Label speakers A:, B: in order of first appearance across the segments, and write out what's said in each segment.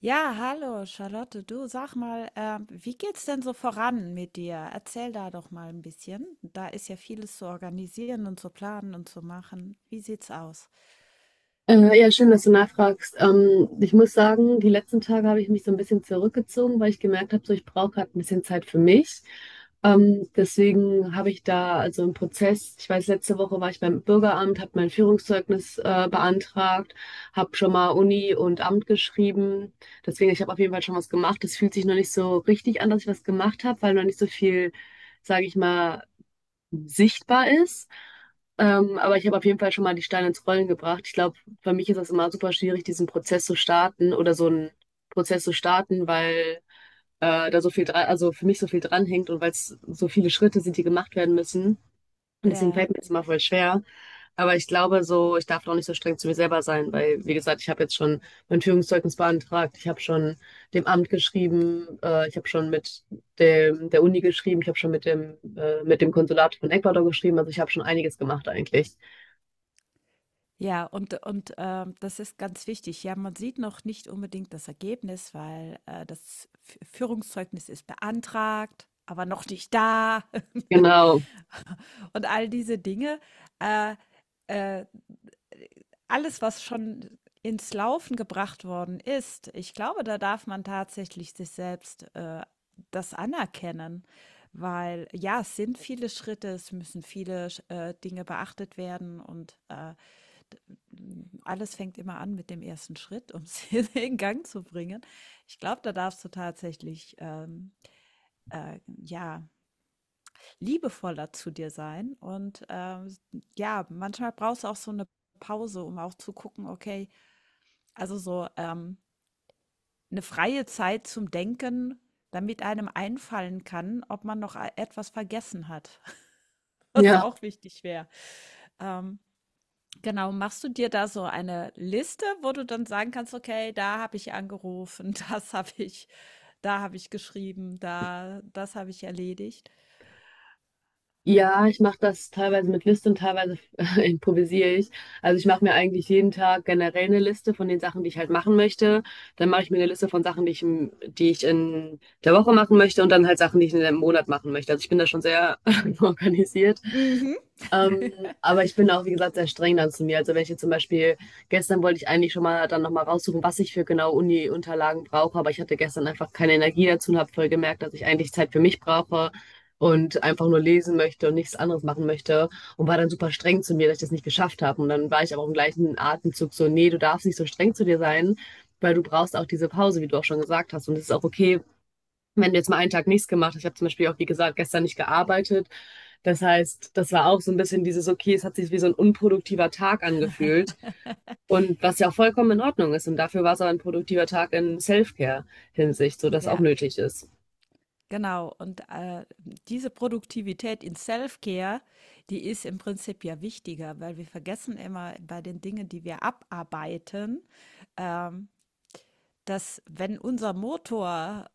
A: Ja, hallo Charlotte, du sag mal, wie geht's denn so voran mit dir? Erzähl da doch mal ein bisschen. Da ist ja vieles zu organisieren und zu planen und zu machen. Wie sieht's aus?
B: Ja, schön, dass du nachfragst. Ich muss sagen, die letzten Tage habe ich mich so ein bisschen zurückgezogen, weil ich gemerkt habe, so ich brauche gerade ein bisschen Zeit für mich. Deswegen habe ich da also einen Prozess. Ich weiß, letzte Woche war ich beim Bürgeramt, habe mein Führungszeugnis beantragt, habe schon mal Uni und Amt geschrieben. Deswegen, ich habe auf jeden Fall schon was gemacht. Es fühlt sich noch nicht so richtig an, dass ich was gemacht habe, weil noch nicht so viel, sage ich mal, sichtbar ist. Aber ich habe auf jeden Fall schon mal die Steine ins Rollen gebracht. Ich glaube, für mich ist das immer super schwierig, diesen Prozess zu starten oder so einen Prozess zu starten, weil da so viel dran, also für mich so viel dranhängt und weil es so viele Schritte sind, die gemacht werden müssen. Und deswegen
A: Ja,
B: fällt mir das immer voll schwer. Aber ich glaube so, ich darf doch nicht so streng zu mir selber sein, weil, wie gesagt, ich habe jetzt schon mein Führungszeugnis beantragt, ich habe schon dem Amt geschrieben, ich habe schon mit dem, der Uni geschrieben, ich habe schon mit dem Konsulat von Ecuador geschrieben. Also ich habe schon einiges gemacht eigentlich.
A: ja, und das ist ganz wichtig. Ja, man sieht noch nicht unbedingt das Ergebnis, weil das Führungszeugnis ist beantragt, aber noch nicht da
B: Genau.
A: und all diese Dinge. Äh, äh, Alles, was schon ins Laufen gebracht worden ist, ich glaube, da darf man tatsächlich sich selbst das anerkennen, weil ja, es sind viele Schritte, es müssen viele Dinge beachtet werden und alles fängt immer an mit dem ersten Schritt, um es in Gang zu bringen. Ich glaube, da darfst du tatsächlich ja, liebevoller zu dir sein und ja, manchmal brauchst du auch so eine Pause, um auch zu gucken, okay, also so, 'ne freie Zeit zum Denken, damit einem einfallen kann, ob man noch a etwas vergessen hat, was
B: Ja.
A: auch wichtig wäre. Ähm, genau, machst du dir da so eine Liste, wo du dann sagen kannst: „Okay, da habe ich angerufen, das habe ich da habe ich geschrieben, da das habe ich erledigt?“
B: Ja, ich mache das teilweise mit Liste und teilweise improvisiere ich. Also ich mache mir eigentlich jeden Tag generell eine Liste von den Sachen, die ich halt machen möchte. Dann mache ich mir eine Liste von Sachen, die ich, die ich in der Woche machen möchte und dann halt Sachen, die ich in einem Monat machen möchte. Also ich bin da schon sehr organisiert.
A: Mhm.
B: Ähm, aber ich bin auch, wie gesagt, sehr streng dann zu mir. Also wenn ich jetzt zum Beispiel, gestern wollte ich eigentlich schon mal dann nochmal raussuchen, was ich für genau Uni-Unterlagen brauche, aber ich hatte gestern einfach keine Energie dazu und habe voll gemerkt, dass ich eigentlich Zeit für mich brauche und einfach nur lesen möchte und nichts anderes machen möchte und war dann super streng zu mir, dass ich das nicht geschafft habe. Und dann war ich aber auch im gleichen Atemzug so, nee, du darfst nicht so streng zu dir sein, weil du brauchst auch diese Pause, wie du auch schon gesagt hast. Und es ist auch okay, wenn du jetzt mal einen Tag nichts gemacht hast, ich habe zum Beispiel auch, wie gesagt, gestern nicht gearbeitet. Das heißt, das war auch so ein bisschen dieses, okay, es hat sich wie so ein unproduktiver Tag angefühlt. Und was ja auch vollkommen in Ordnung ist. Und dafür war es aber ein produktiver Tag in Self-Care-Hinsicht, so dass auch
A: Ja,
B: nötig ist.
A: genau, und diese Produktivität in Self-Care, die ist im Prinzip ja wichtiger, weil wir vergessen immer bei den Dingen, die wir abarbeiten, ähm, dass wenn unser Motor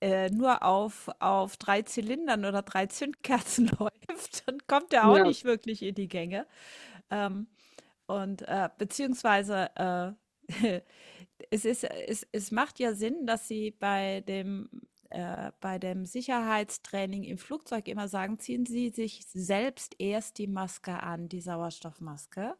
A: nur auf, drei Zylindern oder drei Zündkerzen läuft, dann kommt er auch
B: Ja.
A: nicht wirklich in die Gänge. Ähm, und beziehungsweise äh, es macht ja Sinn, dass Sie bei dem Sicherheitstraining im Flugzeug immer sagen, ziehen Sie sich selbst erst die Maske an, die Sauerstoffmaske,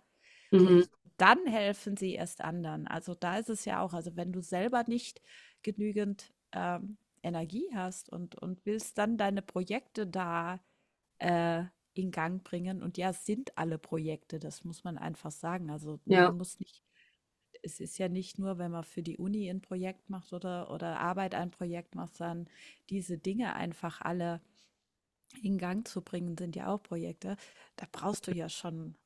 A: und
B: Mhm.
A: dann helfen Sie erst anderen. Also da ist es ja auch, also wenn du selber nicht genügend Energie hast und willst dann deine Projekte da äh, in Gang bringen. Und ja, es sind alle Projekte, das muss man einfach sagen. Also
B: Ja.
A: man muss nicht Es ist ja nicht nur, wenn man für die Uni ein Projekt macht oder Arbeit ein Projekt macht, sondern diese Dinge einfach alle in Gang zu bringen, sind ja auch Projekte. Da brauchst du ja schon,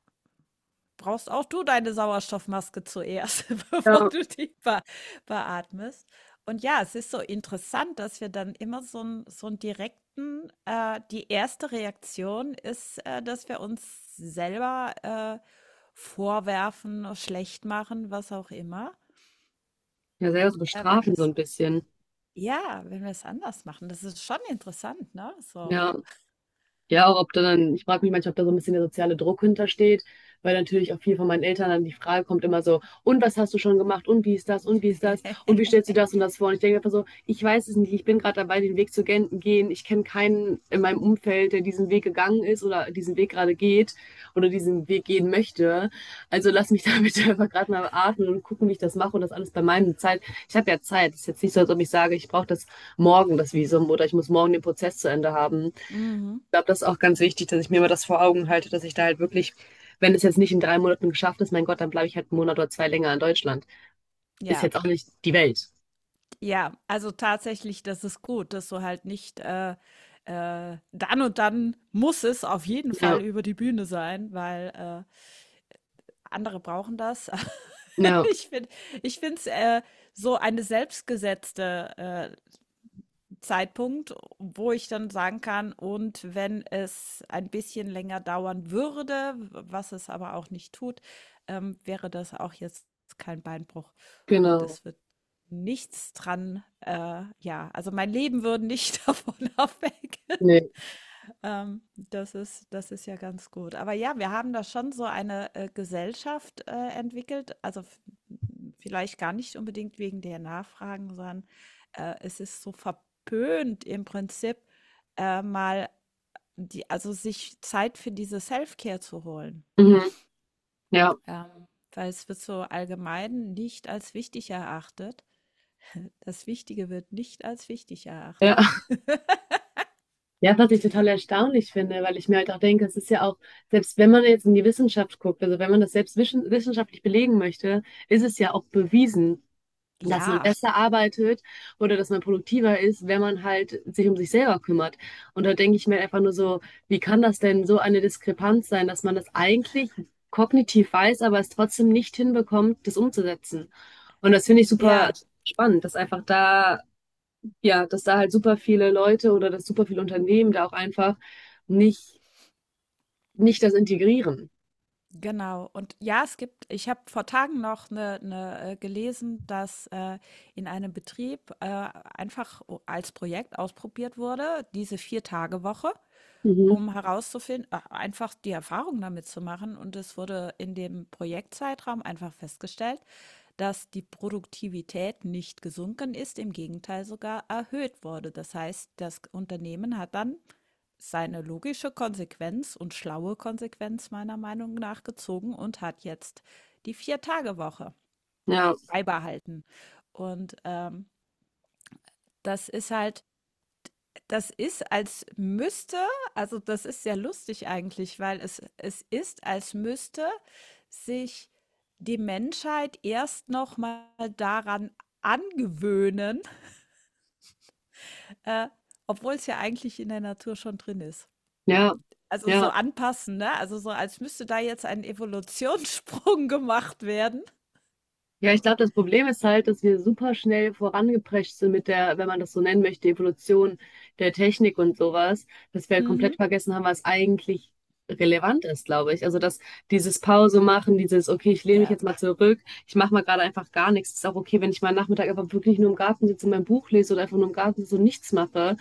A: brauchst auch du deine Sauerstoffmaske zuerst, bevor
B: Ja.
A: du die be beatmest. Und ja, es ist so interessant, dass wir dann immer so einen direkten, die erste Reaktion ist, dass wir uns selber vorwerfen, schlecht machen, was auch immer.
B: Ja, selber so
A: Wenn
B: bestrafen so
A: das
B: ein bisschen.
A: Ja, wenn wir es anders machen, das ist schon interessant, ne? So.
B: Ja. Ja, auch ob da dann, ich frage mich manchmal, ob da so ein bisschen der soziale Druck hintersteht, weil natürlich auch viel von meinen Eltern dann die Frage kommt immer so, und was hast du schon gemacht? Und wie ist das? Und wie ist das? Und wie stellst du das und das vor? Und ich denke einfach so, ich weiß es nicht, ich bin gerade dabei, den Weg zu gehen. Ich kenne keinen in meinem Umfeld, der diesen Weg gegangen ist oder diesen Weg gerade geht oder diesen Weg gehen möchte. Also lass mich da bitte einfach gerade mal atmen und gucken, wie ich das mache und das alles bei meinem Zeit. Ich habe ja Zeit. Es ist jetzt nicht so, als ob ich sage, ich brauche das morgen, das Visum, oder ich muss morgen den Prozess zu Ende haben. Ich
A: Mhm.
B: glaube, das ist auch ganz wichtig, dass ich mir immer das vor Augen halte, dass ich da halt wirklich, wenn es jetzt nicht in 3 Monaten geschafft ist, mein Gott, dann bleibe ich halt einen Monat oder zwei länger in Deutschland. Ist
A: Ja,
B: jetzt auch nicht die Welt.
A: ja, also tatsächlich, das ist gut, dass du halt nicht, dann und dann muss es auf jeden
B: Ja,
A: Fall über die Bühne sein, weil, andere brauchen das.
B: ja,
A: Ich finde Ich finde es, so eine selbstgesetzte, Zeitpunkt, wo ich dann sagen kann, und wenn es ein bisschen länger dauern würde, was es aber auch nicht tut, wäre das auch jetzt kein Beinbruch und
B: genau.
A: es wird nichts dran, ja, also mein Leben würde nicht davon abhängen.
B: Nee.
A: Das ist ja ganz gut. Aber ja, wir haben da schon so eine Gesellschaft entwickelt. Vielleicht gar nicht unbedingt wegen der Nachfragen, sondern es ist so verpönt im Prinzip mal also sich Zeit für diese Self-Care zu holen.
B: Mhm. Ja.
A: Ähm, Weil es wird so allgemein nicht als wichtig erachtet. Das Wichtige wird nicht als wichtig
B: Ja.
A: erachtet.
B: Ja, was ich total erstaunlich finde, weil ich mir halt auch denke, es ist ja auch, selbst wenn man jetzt in die Wissenschaft guckt, also wenn man das selbst wissenschaftlich belegen möchte, ist es ja auch bewiesen, dass man
A: Ja,
B: besser arbeitet oder dass man produktiver ist, wenn man halt sich um sich selber kümmert. Und da denke ich mir einfach nur so, wie kann das denn so eine Diskrepanz sein, dass man das eigentlich kognitiv weiß, aber es trotzdem nicht hinbekommt, das umzusetzen. Und das finde ich super
A: ja.
B: spannend, dass einfach da, ja, dass da halt super viele Leute oder dass super viele Unternehmen da auch einfach nicht, nicht das integrieren.
A: Genau. Und ja, es gibt, ich habe vor Tagen noch gelesen, dass in einem Betrieb einfach als Projekt ausprobiert wurde, diese Vier-Tage-Woche,
B: Mhm.
A: um herauszufinden, einfach die Erfahrung damit zu machen. Und es wurde in dem Projektzeitraum einfach festgestellt, dass die Produktivität nicht gesunken ist, im Gegenteil sogar erhöht wurde. Das heißt, das Unternehmen hat dann seine logische Konsequenz und schlaue Konsequenz meiner Meinung nach gezogen und hat jetzt die Vier-Tage-Woche
B: Ja,
A: beibehalten. Und das ist halt, das ist, als müsste also, das ist sehr lustig eigentlich, weil es ist, als müsste sich die Menschheit erst noch mal daran angewöhnen, äh, obwohl es ja eigentlich in der Natur schon drin ist.
B: ja,
A: Also, so
B: ja.
A: anpassen, ne? Also, so als müsste da jetzt ein Evolutionssprung gemacht werden.
B: Ja, ich glaube, das Problem ist halt, dass wir super schnell vorangeprescht sind mit der, wenn man das so nennen möchte, Evolution der Technik und sowas, dass wir halt komplett
A: Mhm.
B: vergessen haben, was eigentlich relevant ist, glaube ich. Also, dass dieses Pause machen, dieses, okay, ich lehne mich
A: Ja,
B: jetzt mal zurück, ich mache mal gerade einfach gar nichts. Ist auch okay, wenn ich mal Nachmittag einfach wirklich nur im Garten sitze und mein Buch lese oder einfach nur im Garten sitze und nichts mache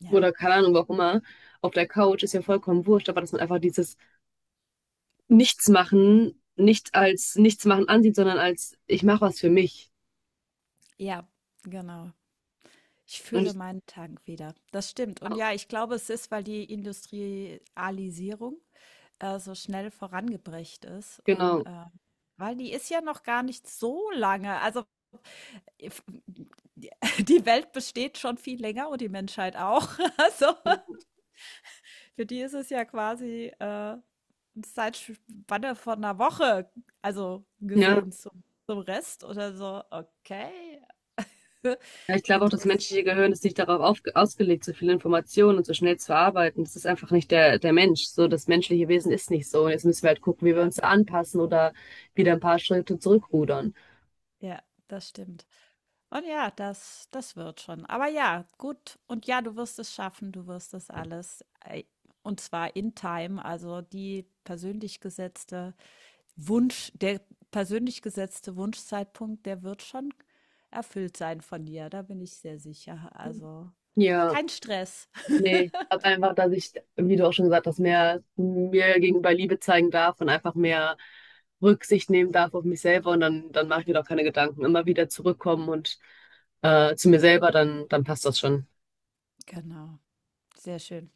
A: ja,
B: oder keine Ahnung, wo auch immer, auf der Couch ist ja vollkommen wurscht, aber dass man einfach dieses Nichtsmachen nicht als Nichtsmachen ansieht, sondern als ich mache was für mich.
A: ja, genau. Ich fühle
B: Und
A: meinen Tank wieder. Das stimmt. Und ja, ich glaube, es ist, weil die Industrialisierung so schnell vorangebracht ist und,
B: genau,
A: äh weil die ist ja noch gar nicht so lange. Also, if die die Welt besteht schon viel länger und die Menschheit auch. Also, für die ist es ja quasi, 'ne Zeitspanne von einer Woche, also,
B: ja.
A: gesehen zum Rest oder so. Okay,
B: Ja, ich glaube auch, das
A: interessant,
B: menschliche Gehirn ist nicht darauf ausgelegt, so viele Informationen und so schnell zu verarbeiten. Das ist einfach nicht der Mensch. So, das menschliche Wesen ist nicht so. Und jetzt müssen wir halt gucken, wie wir
A: ja.
B: uns anpassen oder wieder ein paar Schritte zurückrudern.
A: Ja, das stimmt. Und ja, das wird schon. Aber ja, gut. Und ja, du wirst es schaffen, du wirst das alles, und zwar in time, also die persönlich gesetzte Wunsch der persönlich gesetzte Wunschzeitpunkt, der wird schon erfüllt sein von dir, da bin ich sehr sicher. Also,
B: Ja,
A: kein Stress.
B: nee, ich glaube einfach, dass ich, wie du auch schon gesagt hast, mehr mir gegenüber Liebe zeigen darf und einfach mehr Rücksicht nehmen darf auf mich selber und dann mache ich mir doch keine Gedanken. Immer wieder zurückkommen und zu mir selber, dann passt das schon.
A: Genau, sehr schön.